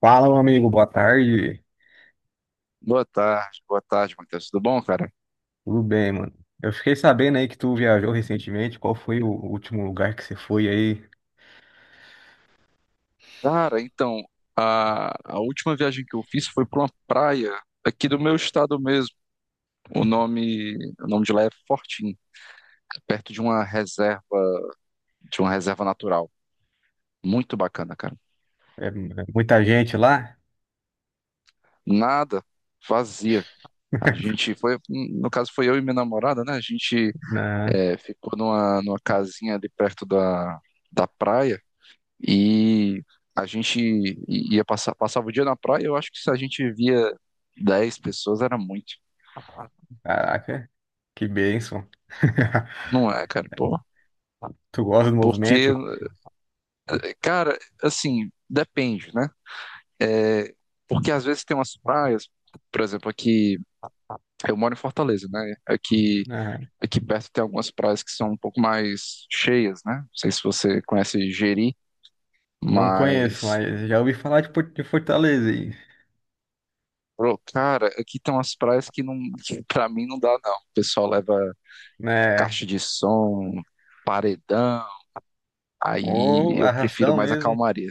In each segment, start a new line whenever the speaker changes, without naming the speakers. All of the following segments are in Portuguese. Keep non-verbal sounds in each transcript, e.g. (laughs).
Fala, meu amigo, boa tarde.
Boa tarde, Matheus. Tudo bom, cara?
Tudo bem, mano? Eu fiquei sabendo aí que tu viajou recentemente. Qual foi o último lugar que você foi aí?
Cara, então, a última viagem que eu fiz foi para uma praia aqui do meu estado mesmo. O nome de lá é Fortim, perto de uma reserva natural. Muito bacana, cara.
É muita gente lá?
Nada, vazia. A
(laughs)
gente foi, no caso foi eu e minha namorada, né? A gente
Não.
é, ficou numa casinha ali perto da, da praia. E a gente passava o dia na praia, eu acho que se a gente via 10 pessoas era muito.
Caraca, que bênção. (laughs)
Não é, cara, pô.
Tu gosta do movimento?
Porque, cara, assim, depende, né? É, porque às vezes tem umas praias, por exemplo, aqui, eu moro em Fortaleza, né? Aqui,
Ah.
aqui perto tem algumas praias que são um pouco mais cheias, né? Não sei se você conhece Jeri,
Não conheço,
mas,
mas já ouvi falar de Fortaleza aí,
pô, cara, aqui tem umas praias que não, (laughs) que pra mim não dá, não. O pessoal leva
né?
caixa de som, paredão, aí
Ou
eu prefiro
arrastão
mais a
mesmo.
calmaria.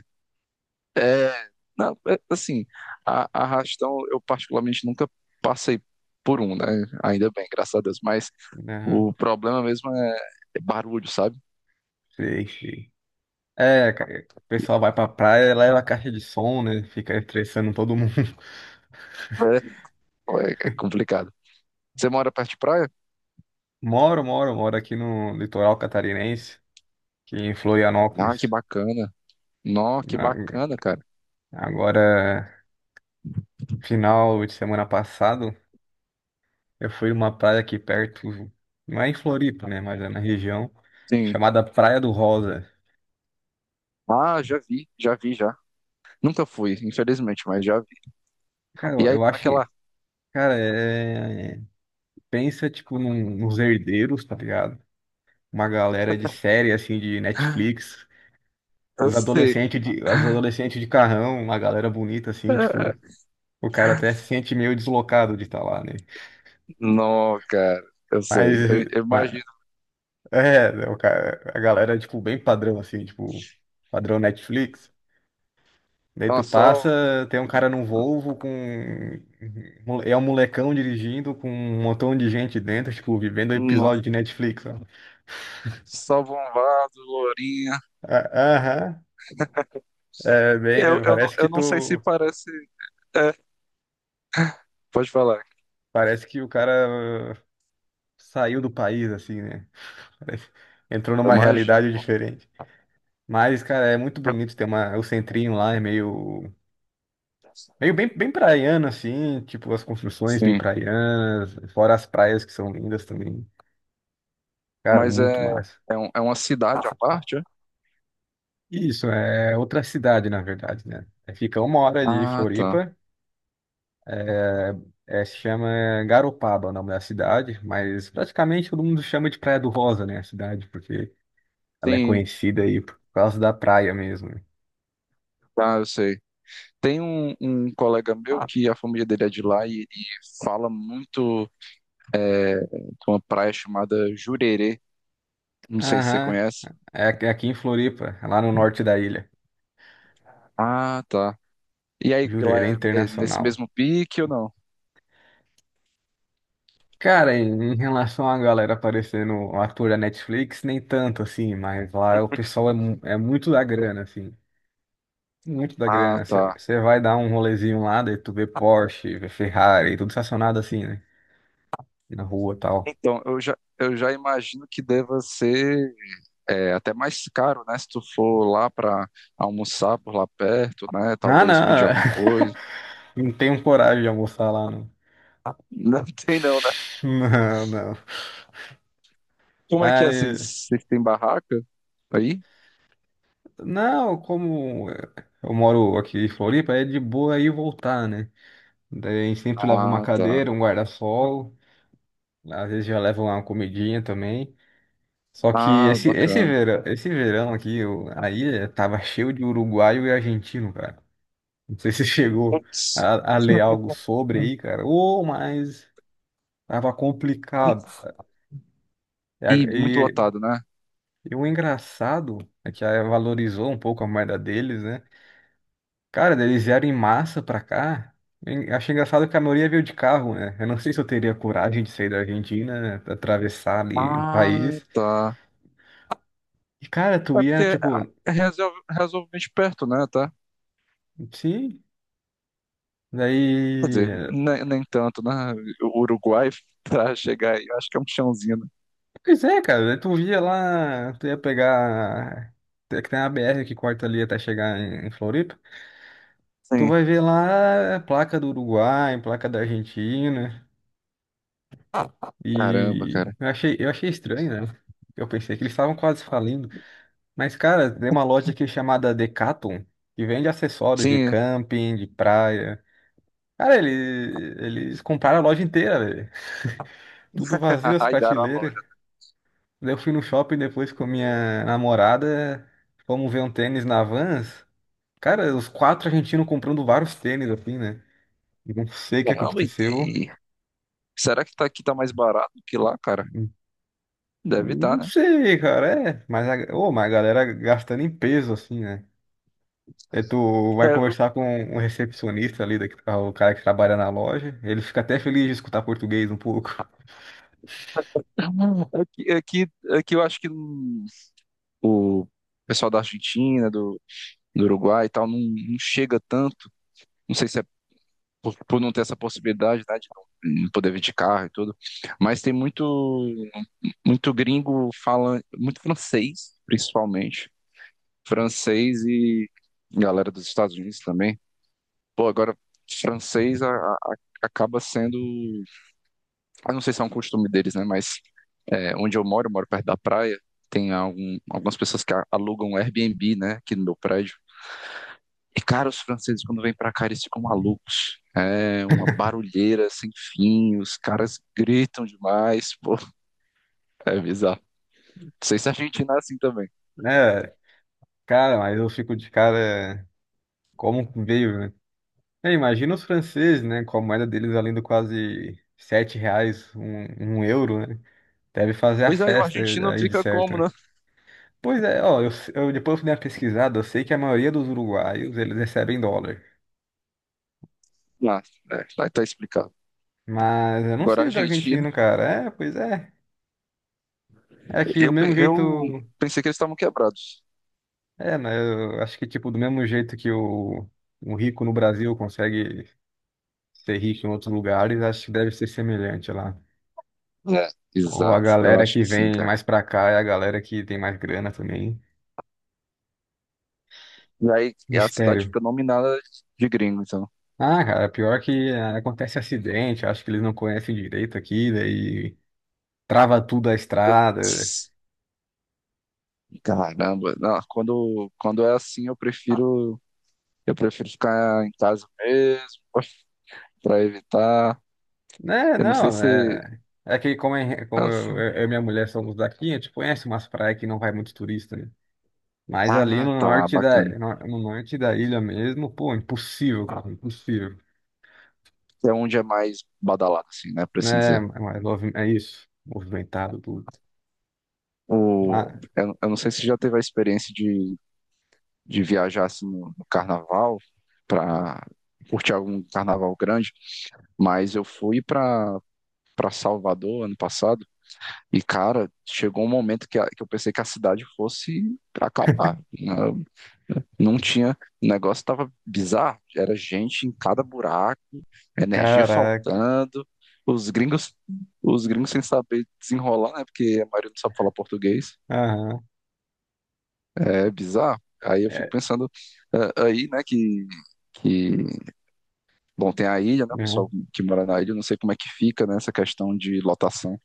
É, não, é, assim, a arrastão eu particularmente nunca passei por um, né? Ainda bem, graças a Deus, mas
Aham.
o problema mesmo é, é barulho, sabe?
Sei, sei. É, cara, o pessoal vai pra praia, leva a caixa de som, né? Fica estressando todo (laughs) mundo.
É, é complicado. Você mora perto de praia?
Moro, moro, moro aqui no litoral catarinense, aqui em
Ah, que
Florianópolis.
bacana. Nó, que
Na-
bacana, cara.
Agora, final de semana passado, eu fui numa praia aqui perto, não é em Floripa, né, mas é na região,
Sim.
chamada Praia do Rosa.
Ah, já vi, já vi, já. Nunca fui, infelizmente, mas já vi.
Cara,
E
eu,
aí,
eu
como é que
acho,
é lá?
cara, pensa, tipo, nos herdeiros, tá ligado? Uma galera de série, assim, de Netflix,
Eu
os
sei.
adolescentes de, as adolescentes de carrão, uma galera bonita, assim, tipo,
(laughs)
o cara até se sente meio deslocado de estar lá, né?
Não, cara, eu
Mas,
sei. Eu
mas
imagino.
o cara, a galera, tipo, bem padrão, assim, tipo, padrão Netflix. Daí tu
Nossa, só,
passa, tem um cara num Volvo com. É um molecão dirigindo com um montão de gente dentro, tipo, vivendo episódio
nossa,
de Netflix, ó.
só bombado, lourinha.
Ah. Aham. É, bem,
Eu,
é,
eu, não,
parece que
eu não sei se
tu.
parece. É, pode falar.
Parece que o cara saiu do país, assim, né? Parece- Entrou
Eu
numa
imagino,
realidade
pô.
diferente. Mas, cara, é muito
Eu-
bonito, tem uma, o centrinho lá é meio. Meio bem, bem praiano, assim, tipo, as construções bem
Sim.
praianas, fora as praias que são lindas também. Cara,
Mas
muito
é,
massa.
é, é uma cidade à parte, é?
Isso, é outra cidade, na verdade, né? É, fica uma hora de
Ah, tá.
Floripa, é, é, se chama Garopaba, o nome da cidade, mas praticamente todo mundo chama de Praia do Rosa, né, a cidade, porque ela é
Sim,
conhecida aí por causa da praia mesmo, né?
tá, eu sei. Tem um colega meu
Ah.
que a família dele é de lá e ele fala muito de uma praia chamada Jurerê. Não sei se você
Aham,
conhece.
é aqui em Floripa, é lá no norte da ilha.
Ah, tá. E aí, ela
Jurerê
é nesse
Internacional.
mesmo pique ou não?
Cara, em em relação à galera aparecendo um ator da Netflix, nem tanto assim, mas lá o pessoal é, é muito da grana, assim. Muito da
Ah,
grana.
tá.
Você vai dar um rolezinho lá, daí tu vê Porsche, vê Ferrari, tudo estacionado assim, né? Na rua e tal.
Então, eu já imagino que deva ser é, até mais caro, né? Se tu for lá para almoçar por lá perto, né?
Não,
Talvez pedir
não.
alguma coisa.
(laughs) Não tenho coragem de almoçar lá, não.
Não (laughs) tem não, né?
Não, não.
Como é que é?
Mas,
Vocês têm barraca aí?
não, como eu moro aqui em Floripa, é de boa ir e voltar, né? Daí a gente sempre leva uma
Ah, tá.
cadeira, um guarda-sol. Às vezes já levam lá uma comidinha também. Só que
Ah, bacana.
esse verão aqui, eu, tava cheio de uruguaio e argentino, cara. Não sei se (laughs) chegou
Putz.
a ler algo
(laughs)
sobre aí, cara. Ô, mas tava complicado, cara. E, a-
E muito
e-
lotado, né?
e o engraçado é que aí valorizou um pouco a moeda deles, né? Cara, eles vieram em massa pra cá. E achei engraçado que a maioria veio de carro, né? Eu não sei se eu teria coragem de sair da Argentina, né? Pra atravessar ali o
Ah,
país.
tá.
E, cara, tu
É
ia,
porque
tipo,
é razoavelmente perto, né? Tá?
sim,
Quer
daí.
dizer, nem tanto, né? O Uruguai (laughs) pra chegar aí, eu acho que é um chãozinho, né?
Pois é, cara, daí tu via lá, tu ia pegar. É que tem uma BR que corta ali até chegar em em Floripa. Tu
Sim.
vai ver lá placa do Uruguai, placa da Argentina.
Caramba,
E
cara.
eu achei estranho, né? Eu pensei que eles estavam quase falindo. Mas, cara, tem uma loja aqui chamada Decathlon, que vende acessórios de
Sim,
camping, de praia. Cara, eles compraram a loja inteira, velho. Tudo vazio
(laughs)
as
raidaram a
prateleiras.
loja.
Daí eu fui no shopping depois com minha namorada, fomos ver um tênis na Vans. Cara, os quatro argentinos comprando vários tênis, assim, né? Não sei o que
Caramba, e
aconteceu.
tem- Será que tá, aqui tá mais barato que lá, cara? Deve estar,
Não
né?
sei, cara, é. Mas a galera gastando em peso, assim, né? Aí tu vai
É,
conversar com um recepcionista ali, daqui, ah, o cara que trabalha na loja. Ele fica até feliz de escutar português um pouco. (laughs)
aqui, aqui eu acho que o pessoal da Argentina, do, do Uruguai e tal, não, não chega tanto. Não sei se é por não ter essa possibilidade, né, de não poder vir de carro e tudo. Mas tem muito, muito gringo, fala muito francês, principalmente. Francês e galera dos Estados Unidos também. Pô, agora, francês acaba sendo. Eu não sei se é um costume deles, né? Mas é, onde eu moro perto da praia, tem algumas pessoas que alugam um Airbnb, né? Aqui no meu prédio. E, cara, os franceses, quando vêm pra cá, eles ficam malucos. É uma barulheira sem fim, os caras gritam demais, pô, é bizarro. Não sei se a Argentina é assim também.
Né? Cara, mas eu fico de cara como veio, né? É, imagina os franceses, né? Com a moeda deles valendo quase sete reais, um euro, né? Deve fazer a
Pois aí, o
festa
argentino
aí de
fica
certo,
como,
né?
né?
Pois é, ó, eu depois fui dar uma pesquisada, eu sei que a maioria dos uruguaios, eles recebem dólar.
Ah, é, vai tá explicado.
Mas eu não
Agora, a
sei do
Argentina,
argentino, cara. É, pois é. É que do mesmo
eu
jeito...
pensei que eles estavam quebrados.
É, né? Eu acho que, tipo, do mesmo jeito que um rico no Brasil consegue ser rico em outros lugares, acho que deve ser semelhante lá.
É.
Ou a
Exato, eu
galera
acho
que
que sim,
vem
cara.
mais pra cá é a galera que tem mais grana também.
E aí, a cidade
Mistério.
fica nominada de gringo, então.
Ah, cara, pior que acontece acidente, acho que eles não conhecem direito aqui, daí trava tudo a estrada.
Caramba, não, quando é assim, eu prefiro ficar em casa mesmo, (laughs) pra evitar.
Né,
Eu não sei
não,
se.
é. É que como, é, como eu e minha mulher somos daqui, a gente conhece umas praias que não vai muito turista, né? Mas ali
Ah, tá, bacana.
no, no norte da ilha mesmo, pô, impossível, cara, impossível.
É onde é mais badalado, assim, né, pra assim
Né,
dizer.
mas é isso, movimentado tudo. Ah,
O, eu não sei se já teve a experiência de viajar assim, no, no carnaval para curtir algum carnaval grande, mas eu fui para para Salvador ano passado e cara, chegou um momento que, que eu pensei que a cidade fosse acabar. Não, não tinha, o negócio tava bizarro, era gente em cada buraco, energia
caraca.
faltando, os gringos, os gringos sem saber desenrolar, né? Porque a maioria não sabe falar português.
Aham.
É bizarro. Aí eu fico
É,
pensando aí, né, que bom, tem a ilha, né? O
né?
pessoal que mora na ilha, eu não sei como é que fica, né? Essa questão de lotação.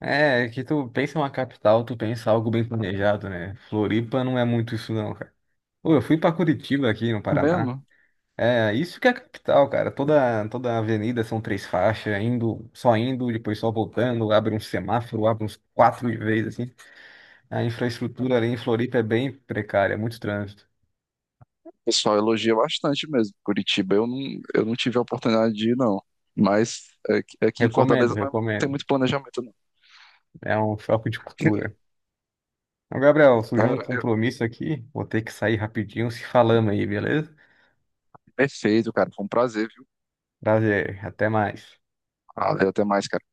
É, que tu pensa em uma capital, tu pensa algo bem planejado, né? Floripa não é muito isso não, cara. Pô, eu fui pra Curitiba aqui no
Mesmo,
Paraná.
o
É, isso que é a capital, cara. Toda a avenida são três faixas, indo, só indo, depois só voltando, abre um semáforo, abre uns quatro de vez assim. A infraestrutura ali em Floripa é bem precária, é muito trânsito.
pessoal elogia bastante mesmo. Curitiba, eu não tive a oportunidade de ir, não. Mas aqui, aqui em
Recomendo,
Fortaleza não é, tem
recomendo.
muito planejamento, não.
É um choque de cultura.
(laughs)
Então, Gabriel, surgiu um
Cara,
compromisso aqui, vou ter que sair rapidinho, se falamos aí, beleza?
perfeito, cara. Foi um prazer, viu?
Prazer, até mais.
Valeu, até mais, cara.